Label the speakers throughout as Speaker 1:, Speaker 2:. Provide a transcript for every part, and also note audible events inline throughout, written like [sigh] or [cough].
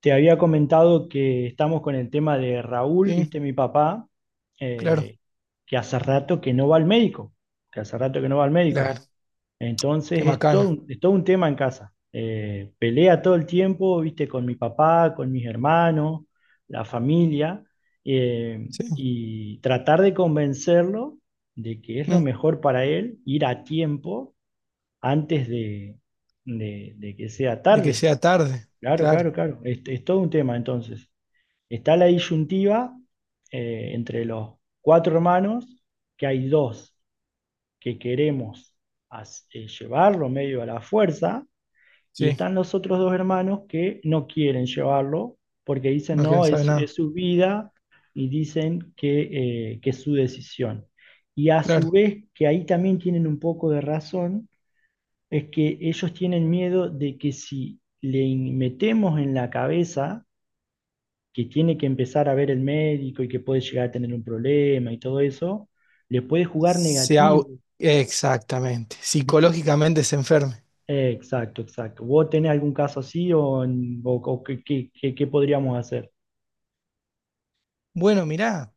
Speaker 1: Te había comentado que estamos con el tema de Raúl,
Speaker 2: Sí,
Speaker 1: viste mi papá,
Speaker 2: claro,
Speaker 1: eh, que hace rato que no va al médico, que hace rato que no va al médico.
Speaker 2: claro, qué
Speaker 1: Entonces es todo,
Speaker 2: macana,
Speaker 1: un- es todo un tema en casa. Pelea todo el tiempo, viste, con mi papá, con mis hermanos, la familia, eh,
Speaker 2: sí,
Speaker 1: y tratar de convencerlo de que es lo
Speaker 2: mm,
Speaker 1: mejor para él ir a tiempo antes de que sea
Speaker 2: de que
Speaker 1: tarde.
Speaker 2: sea tarde,
Speaker 1: Claro,
Speaker 2: claro,
Speaker 1: claro, claro. Es todo un tema entonces. Está la disyuntiva entre los cuatro hermanos, que hay dos que queremos llevarlo medio a la fuerza, y
Speaker 2: sí,
Speaker 1: están los otros dos hermanos que no quieren llevarlo porque dicen,
Speaker 2: no quieren
Speaker 1: no,
Speaker 2: saber
Speaker 1: es,
Speaker 2: nada,
Speaker 1: es su vida y dicen que es su decisión. Y a
Speaker 2: claro,
Speaker 1: su vez, que ahí también tienen un poco de razón, es que ellos tienen miedo de que si le metemos en la cabeza, que tiene que empezar a ver el médico y que puede llegar a tener un problema y todo eso, le puede jugar
Speaker 2: se au-
Speaker 1: negativo,
Speaker 2: exactamente,
Speaker 1: ¿viste?
Speaker 2: psicológicamente se enferme.
Speaker 1: Exacto, exacto. ¿Vos tenés algún caso así o qué podríamos hacer?
Speaker 2: Bueno, mirá,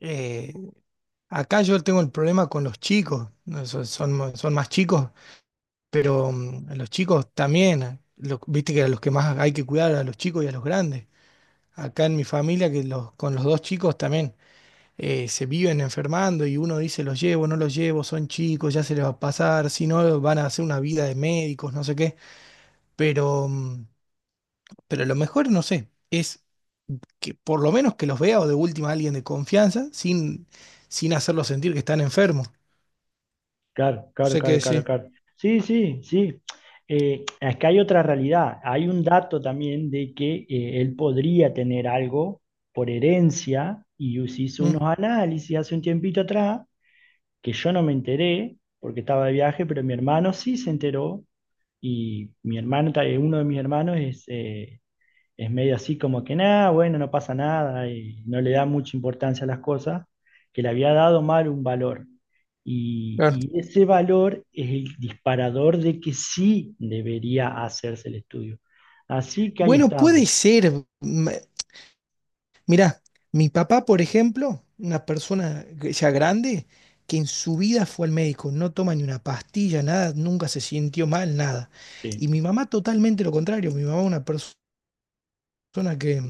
Speaker 2: eh, acá yo tengo el problema con los chicos, no, son, son más chicos, pero a los chicos también, viste que a los que más hay que cuidar, a los chicos y a los grandes. Acá en mi familia, que los, con los dos chicos también. Se viven enfermando y uno dice los llevo, no los llevo, son chicos, ya se les va a pasar, si no van a hacer una vida de médicos, no sé qué, pero, mm, pero lo mejor, no sé, es que por lo menos que los vea o de última alguien de confianza sin, sin hacerlos sentir que están enfermos.
Speaker 1: Claro, claro,
Speaker 2: Sé
Speaker 1: claro,
Speaker 2: que
Speaker 1: claro,
Speaker 2: sí.
Speaker 1: claro. Sí, sí, sí. Es que hay otra realidad. Hay un dato también de que él podría tener algo por herencia y se hizo
Speaker 2: Mm,
Speaker 1: unos análisis hace un tiempito atrás que yo no me enteré porque estaba de viaje, pero mi hermano sí se enteró. Y mi hermano, uno de mis hermanos es medio así como que nada, bueno, no pasa nada, y no le da mucha importancia a las cosas, que le había dado mal un valor.
Speaker 2: claro.
Speaker 1: Y ese valor es el disparador de que sí debería hacerse el estudio. Así que ahí
Speaker 2: Bueno, puede
Speaker 1: estamos.
Speaker 2: ser. Mirá, mi papá, por ejemplo, una persona ya grande, que en su vida fue al médico, no toma ni una pastilla, nada, nunca se sintió mal, nada. Y
Speaker 1: Sí,
Speaker 2: mi mamá totalmente lo contrario, mi mamá una persona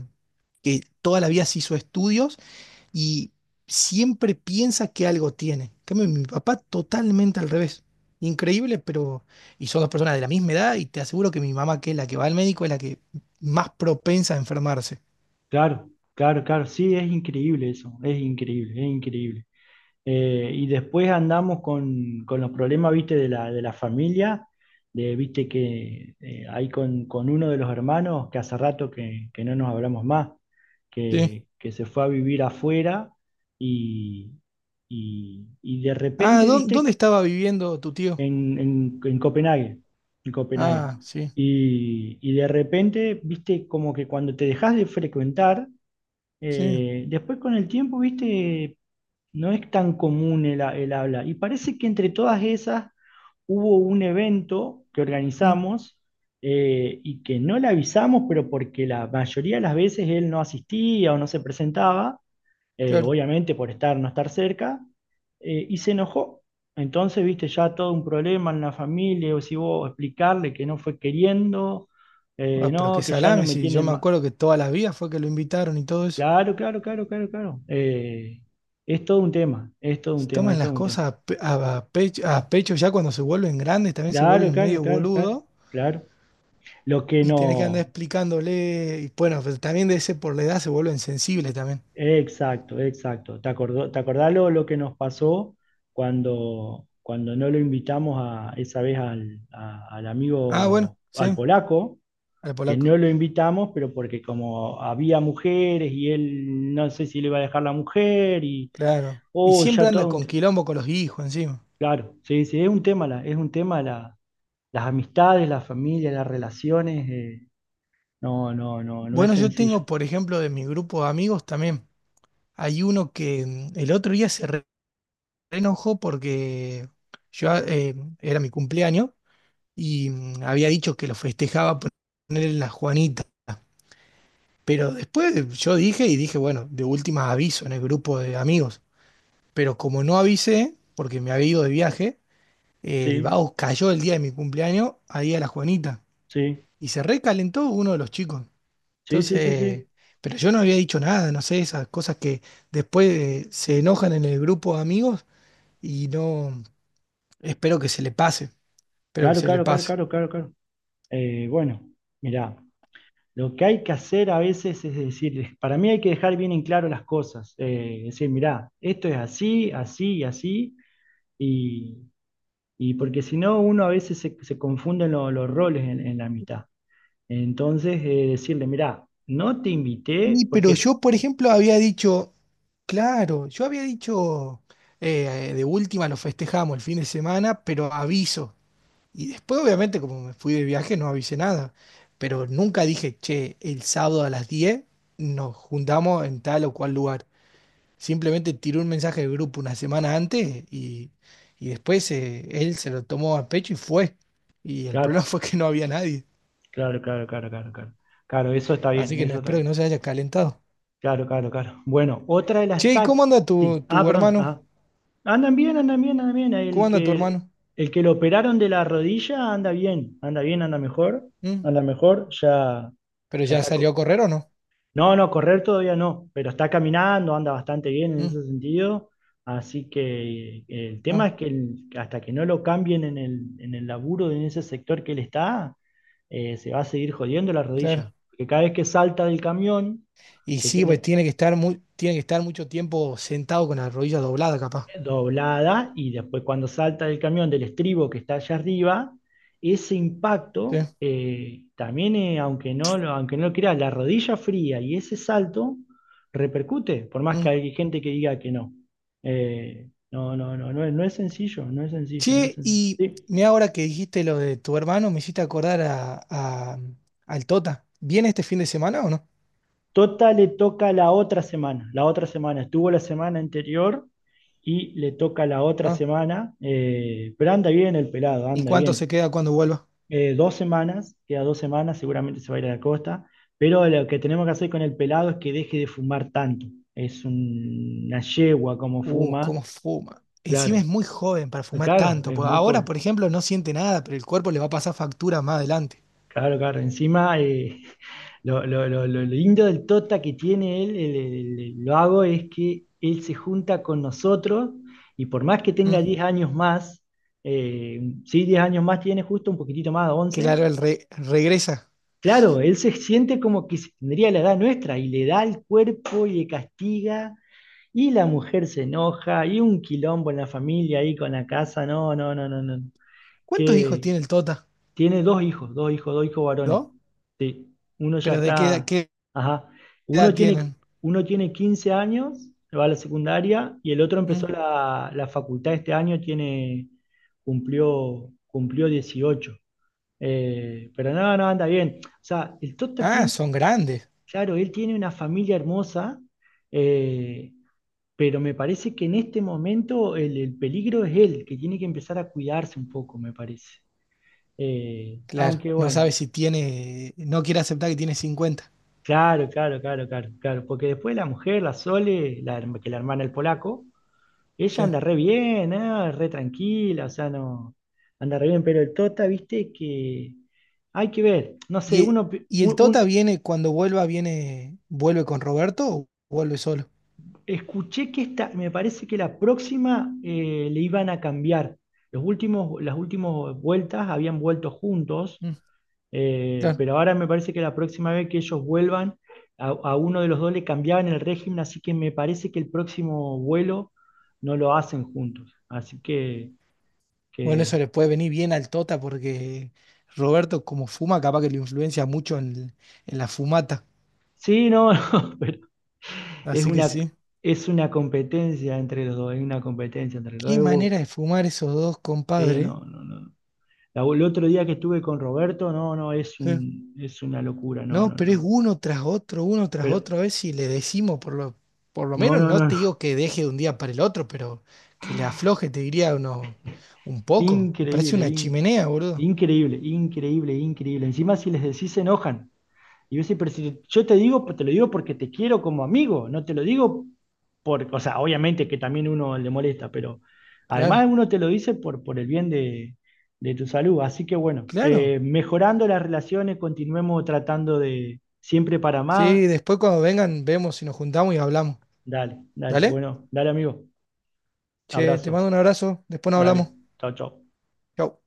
Speaker 2: que toda la vida se hizo estudios y siempre piensa que algo tiene. En cambio, mi papá totalmente al revés. Increíble, pero... Y son dos personas de la misma edad y te aseguro que mi mamá, que es la que va al médico, es la que más propensa a enfermarse.
Speaker 1: claro, claro, claro, sí, es increíble eso, es increíble, es increíble. Y después andamos con los problemas, viste, de la familia, de, viste, que hay con uno de los hermanos que hace rato que no nos hablamos más, que se fue a vivir afuera y, y de
Speaker 2: Ah,
Speaker 1: repente,
Speaker 2: ¿dónde
Speaker 1: viste,
Speaker 2: estaba viviendo tu tío?
Speaker 1: en Copenhague, en Copenhague.
Speaker 2: Ah, sí,
Speaker 1: Y de repente, viste, como que cuando te dejas de frecuentar,
Speaker 2: sí,
Speaker 1: después con el tiempo, viste, no es tan común el habla. Y parece que entre todas esas hubo un evento que
Speaker 2: mm,
Speaker 1: organizamos y que no le avisamos, pero porque la mayoría de las veces él no asistía o no se presentaba,
Speaker 2: claro.
Speaker 1: obviamente por estar, no estar cerca, y se enojó. Entonces, viste, ya todo un problema en la familia, o si vos explicarle que no fue queriendo,
Speaker 2: Ah, pero qué
Speaker 1: no, que ya no
Speaker 2: salame,
Speaker 1: me
Speaker 2: si yo
Speaker 1: tienen.
Speaker 2: me acuerdo que todas las vidas fue que lo invitaron y todo eso.
Speaker 1: Claro, claro, claro, claro, claro. Es todo un tema, es todo un
Speaker 2: Si
Speaker 1: tema, es
Speaker 2: toman
Speaker 1: todo
Speaker 2: las
Speaker 1: un tema.
Speaker 2: cosas a, a pecho ya cuando se vuelven grandes, también se
Speaker 1: Claro,
Speaker 2: vuelven
Speaker 1: claro,
Speaker 2: medio
Speaker 1: claro, claro,
Speaker 2: boludo
Speaker 1: claro. Lo que
Speaker 2: y tenés que andar
Speaker 1: no,
Speaker 2: explicándole. Y bueno, pero también de ese por la edad se vuelven sensibles también.
Speaker 1: exacto, exacto. ¿Te acordás lo que nos pasó cuando no lo invitamos a, esa vez al, a- al
Speaker 2: Ah, bueno,
Speaker 1: amigo, al
Speaker 2: sí,
Speaker 1: polaco,
Speaker 2: al
Speaker 1: que
Speaker 2: polaco,
Speaker 1: no lo invitamos, pero porque como había mujeres y él no sé si le iba a dejar la mujer y,
Speaker 2: claro. Y
Speaker 1: oh,
Speaker 2: siempre
Speaker 1: ya
Speaker 2: anda
Speaker 1: todo un...
Speaker 2: con
Speaker 1: te-
Speaker 2: quilombo con los hijos encima.
Speaker 1: Claro, sí, sí, es un tema, la las amistades, la familia, las relaciones, no, no, no, no es
Speaker 2: Bueno, yo
Speaker 1: sencillo.
Speaker 2: tengo, por ejemplo, de mi grupo de amigos también. Hay uno que el otro día se enojó porque yo era mi cumpleaños y había dicho que lo festejaba ponerle la Juanita. Pero después yo dije, bueno, de última aviso en el grupo de amigos. Pero como no avisé, porque me había ido de viaje, el
Speaker 1: Sí,
Speaker 2: vago cayó el día de mi cumpleaños ahí a la Juanita.
Speaker 1: sí,
Speaker 2: Y se recalentó uno de los chicos.
Speaker 1: sí, sí, sí,
Speaker 2: Entonces,
Speaker 1: sí.
Speaker 2: pero yo no había dicho nada, no sé, esas cosas que después se enojan en el grupo de amigos y no, espero que se le pase. Espero que
Speaker 1: Claro,
Speaker 2: se le
Speaker 1: claro, claro,
Speaker 2: pase.
Speaker 1: claro, claro, claro. Bueno, mirá, lo que hay que hacer a veces es decir, para mí hay que dejar bien en claro las cosas. Decir, mirá, esto es así, así y así, y, y porque si no, uno a veces se confunden los roles en la mitad. Entonces, decirle, mirá, no te invité
Speaker 2: Y, pero
Speaker 1: porque...
Speaker 2: yo, por ejemplo, había dicho, claro, yo había dicho, de última lo festejamos el fin de semana, pero aviso. Y después, obviamente, como me fui de viaje, no avisé nada. Pero nunca dije, che, el sábado a las 10 nos juntamos en tal o cual lugar. Simplemente tiré un mensaje de grupo una semana antes y después él se lo tomó a pecho y fue. Y el problema [laughs]
Speaker 1: Claro,
Speaker 2: fue que no había nadie.
Speaker 1: claro, claro, claro, claro, claro. Claro, eso está
Speaker 2: Así
Speaker 1: bien,
Speaker 2: que no,
Speaker 1: eso está
Speaker 2: espero que
Speaker 1: bien.
Speaker 2: no se haya calentado.
Speaker 1: Claro, claro, claro. Bueno, otra de las
Speaker 2: Che, ¿y cómo
Speaker 1: tácticas.
Speaker 2: anda
Speaker 1: Sí. Ah,
Speaker 2: tu
Speaker 1: perdón.
Speaker 2: hermano?
Speaker 1: Ajá. Andan bien, andan bien, andan bien.
Speaker 2: ¿Cómo
Speaker 1: El
Speaker 2: anda tu
Speaker 1: que,
Speaker 2: hermano?
Speaker 1: el que lo operaron de la rodilla anda bien, anda bien, anda mejor,
Speaker 2: ¿Mm?
Speaker 1: anda mejor. Ya,
Speaker 2: ¿Pero
Speaker 1: ya
Speaker 2: ya
Speaker 1: está,
Speaker 2: salió a correr o no?
Speaker 1: no, no, correr todavía no, pero está caminando, anda bastante bien en
Speaker 2: ¿Mm?
Speaker 1: ese sentido. Así que el
Speaker 2: Ah,
Speaker 1: tema es que hasta que no lo cambien en el laburo, en ese sector que él está, se va a seguir jodiendo la
Speaker 2: claro.
Speaker 1: rodilla. Porque cada vez que salta del camión,
Speaker 2: Y
Speaker 1: que
Speaker 2: sí, pues
Speaker 1: tiene,
Speaker 2: tiene que tiene que estar mucho tiempo sentado con la rodilla doblada, capaz.
Speaker 1: doblada y después cuando salta del camión del estribo que está allá arriba, ese
Speaker 2: ¿Sí?
Speaker 1: impacto, también aunque no lo creas, la rodilla fría y ese salto repercute, por más que
Speaker 2: ¿Mm?
Speaker 1: hay gente que diga que no. No, no, no, no, no es sencillo, no es sencillo, no es
Speaker 2: Che,
Speaker 1: sencillo.
Speaker 2: y
Speaker 1: Sí.
Speaker 2: mira ahora que dijiste lo de tu hermano, me hiciste acordar al Tota. ¿Viene este fin de semana o no?
Speaker 1: Tota le toca la otra semana, estuvo la semana anterior y le toca la otra
Speaker 2: Ah,
Speaker 1: semana, pero anda bien el pelado,
Speaker 2: ¿y
Speaker 1: anda
Speaker 2: cuánto se
Speaker 1: bien.
Speaker 2: queda cuando vuelva?
Speaker 1: Dos semanas, queda dos semanas, seguramente se va a ir a la costa, pero lo que tenemos que hacer con el pelado es que deje de fumar tanto. Es una yegua como fuma,
Speaker 2: Cómo fuma. Encima es
Speaker 1: claro,
Speaker 2: muy joven para fumar
Speaker 1: claro,
Speaker 2: tanto.
Speaker 1: es
Speaker 2: Pues
Speaker 1: muy
Speaker 2: ahora,
Speaker 1: joven,
Speaker 2: por ejemplo, no siente nada, pero el cuerpo le va a pasar factura más adelante.
Speaker 1: claro, claro. Encima, [laughs] lo lindo del Tota que tiene el vago, es que él se junta con nosotros y por más que
Speaker 2: ¿Mm?
Speaker 1: tenga 10 años más, sí, 10 años más tiene, justo un poquitito más, 11.
Speaker 2: Claro, regresa.
Speaker 1: Claro, él se siente como que si tendría la edad nuestra y le da el cuerpo y le castiga y la mujer se enoja y un quilombo en la familia ahí con la casa, no, no, no, no, no.
Speaker 2: ¿Cuántos hijos
Speaker 1: Que
Speaker 2: tiene el Tota?
Speaker 1: tiene dos hijos, dos hijos, dos hijos varones.
Speaker 2: ¿Dos?
Speaker 1: Sí, uno ya está,
Speaker 2: Qué
Speaker 1: ajá, uno
Speaker 2: edad
Speaker 1: tiene,
Speaker 2: tienen?
Speaker 1: uno tiene 15 años, va a la secundaria y el otro
Speaker 2: Mm.
Speaker 1: empezó la, la facultad este año, tiene, cumplió 18. Pero no, no, anda bien. O sea, el Tota
Speaker 2: Ah,
Speaker 1: tiene.
Speaker 2: son grandes.
Speaker 1: Claro, él tiene una familia hermosa, eh, pero me parece que en este momento el peligro es él, que tiene que empezar a cuidarse un poco, me parece.
Speaker 2: Claro,
Speaker 1: Aunque
Speaker 2: no
Speaker 1: bueno,
Speaker 2: sabe si tiene, no quiere aceptar que tiene 50.
Speaker 1: claro, claro, claro, claro, claro, porque después la mujer, la Sole, la hermana del polaco, ella
Speaker 2: ¿Sí?
Speaker 1: anda re bien, ah, re tranquila, o sea, no, anda re bien, pero el Tota, viste que hay que ver, no sé,
Speaker 2: ¿Y,
Speaker 1: uno, pi-
Speaker 2: y el
Speaker 1: un-
Speaker 2: Tota
Speaker 1: un-
Speaker 2: viene, cuando vuelva, viene, vuelve con Roberto o vuelve solo?
Speaker 1: Escuché que me parece que la próxima le iban a cambiar. Los últimos, las últimas vueltas habían vuelto juntos,
Speaker 2: Mm, claro.
Speaker 1: pero ahora me parece que la próxima vez que ellos vuelvan, a uno de los dos le cambiaban el régimen, así que me parece que el próximo vuelo no lo hacen juntos. Así que,
Speaker 2: Bueno, eso
Speaker 1: que-
Speaker 2: le puede venir bien al Tota porque Roberto, como fuma, capaz que lo influencia mucho en la fumata.
Speaker 1: Sí, no, [laughs] no, pero es
Speaker 2: Así que
Speaker 1: una,
Speaker 2: sí.
Speaker 1: es una competencia entre los dos, es una competencia entre los
Speaker 2: Qué
Speaker 1: dos.
Speaker 2: manera de fumar esos dos,
Speaker 1: Eh,
Speaker 2: compadre. ¿Eh?
Speaker 1: no, no, no, el otro día que estuve con Roberto, no, no, es
Speaker 2: Sí.
Speaker 1: un, es una locura, no,
Speaker 2: No,
Speaker 1: no,
Speaker 2: pero es
Speaker 1: no.
Speaker 2: uno tras otro, uno tras
Speaker 1: Pero,
Speaker 2: otro. A ver si le decimos, por lo
Speaker 1: no,
Speaker 2: menos
Speaker 1: no,
Speaker 2: no
Speaker 1: no,
Speaker 2: te
Speaker 1: no.
Speaker 2: digo
Speaker 1: [laughs]
Speaker 2: que deje de un día para el otro, pero que le afloje, te diría uno, un poco. Parece
Speaker 1: Increíble,
Speaker 2: una
Speaker 1: in-
Speaker 2: chimenea, boludo.
Speaker 1: increíble, increíble, increíble. Encima si les decís se enojan. Y yo, sí, pero si yo te digo, te lo digo porque te quiero como amigo, no te lo digo o sea, obviamente que también uno le molesta, pero
Speaker 2: Claro,
Speaker 1: además uno te lo dice por el bien de tu salud. Así que bueno,
Speaker 2: claro.
Speaker 1: mejorando las relaciones, continuemos tratando de siempre para más.
Speaker 2: Sí, después cuando vengan, vemos si nos juntamos y hablamos.
Speaker 1: Dale, dale.
Speaker 2: ¿Dale?
Speaker 1: Bueno, dale, amigo.
Speaker 2: Che, te
Speaker 1: Abrazo.
Speaker 2: mando un abrazo, después nos
Speaker 1: Dale.
Speaker 2: hablamos.
Speaker 1: Chao, chao.
Speaker 2: Chau.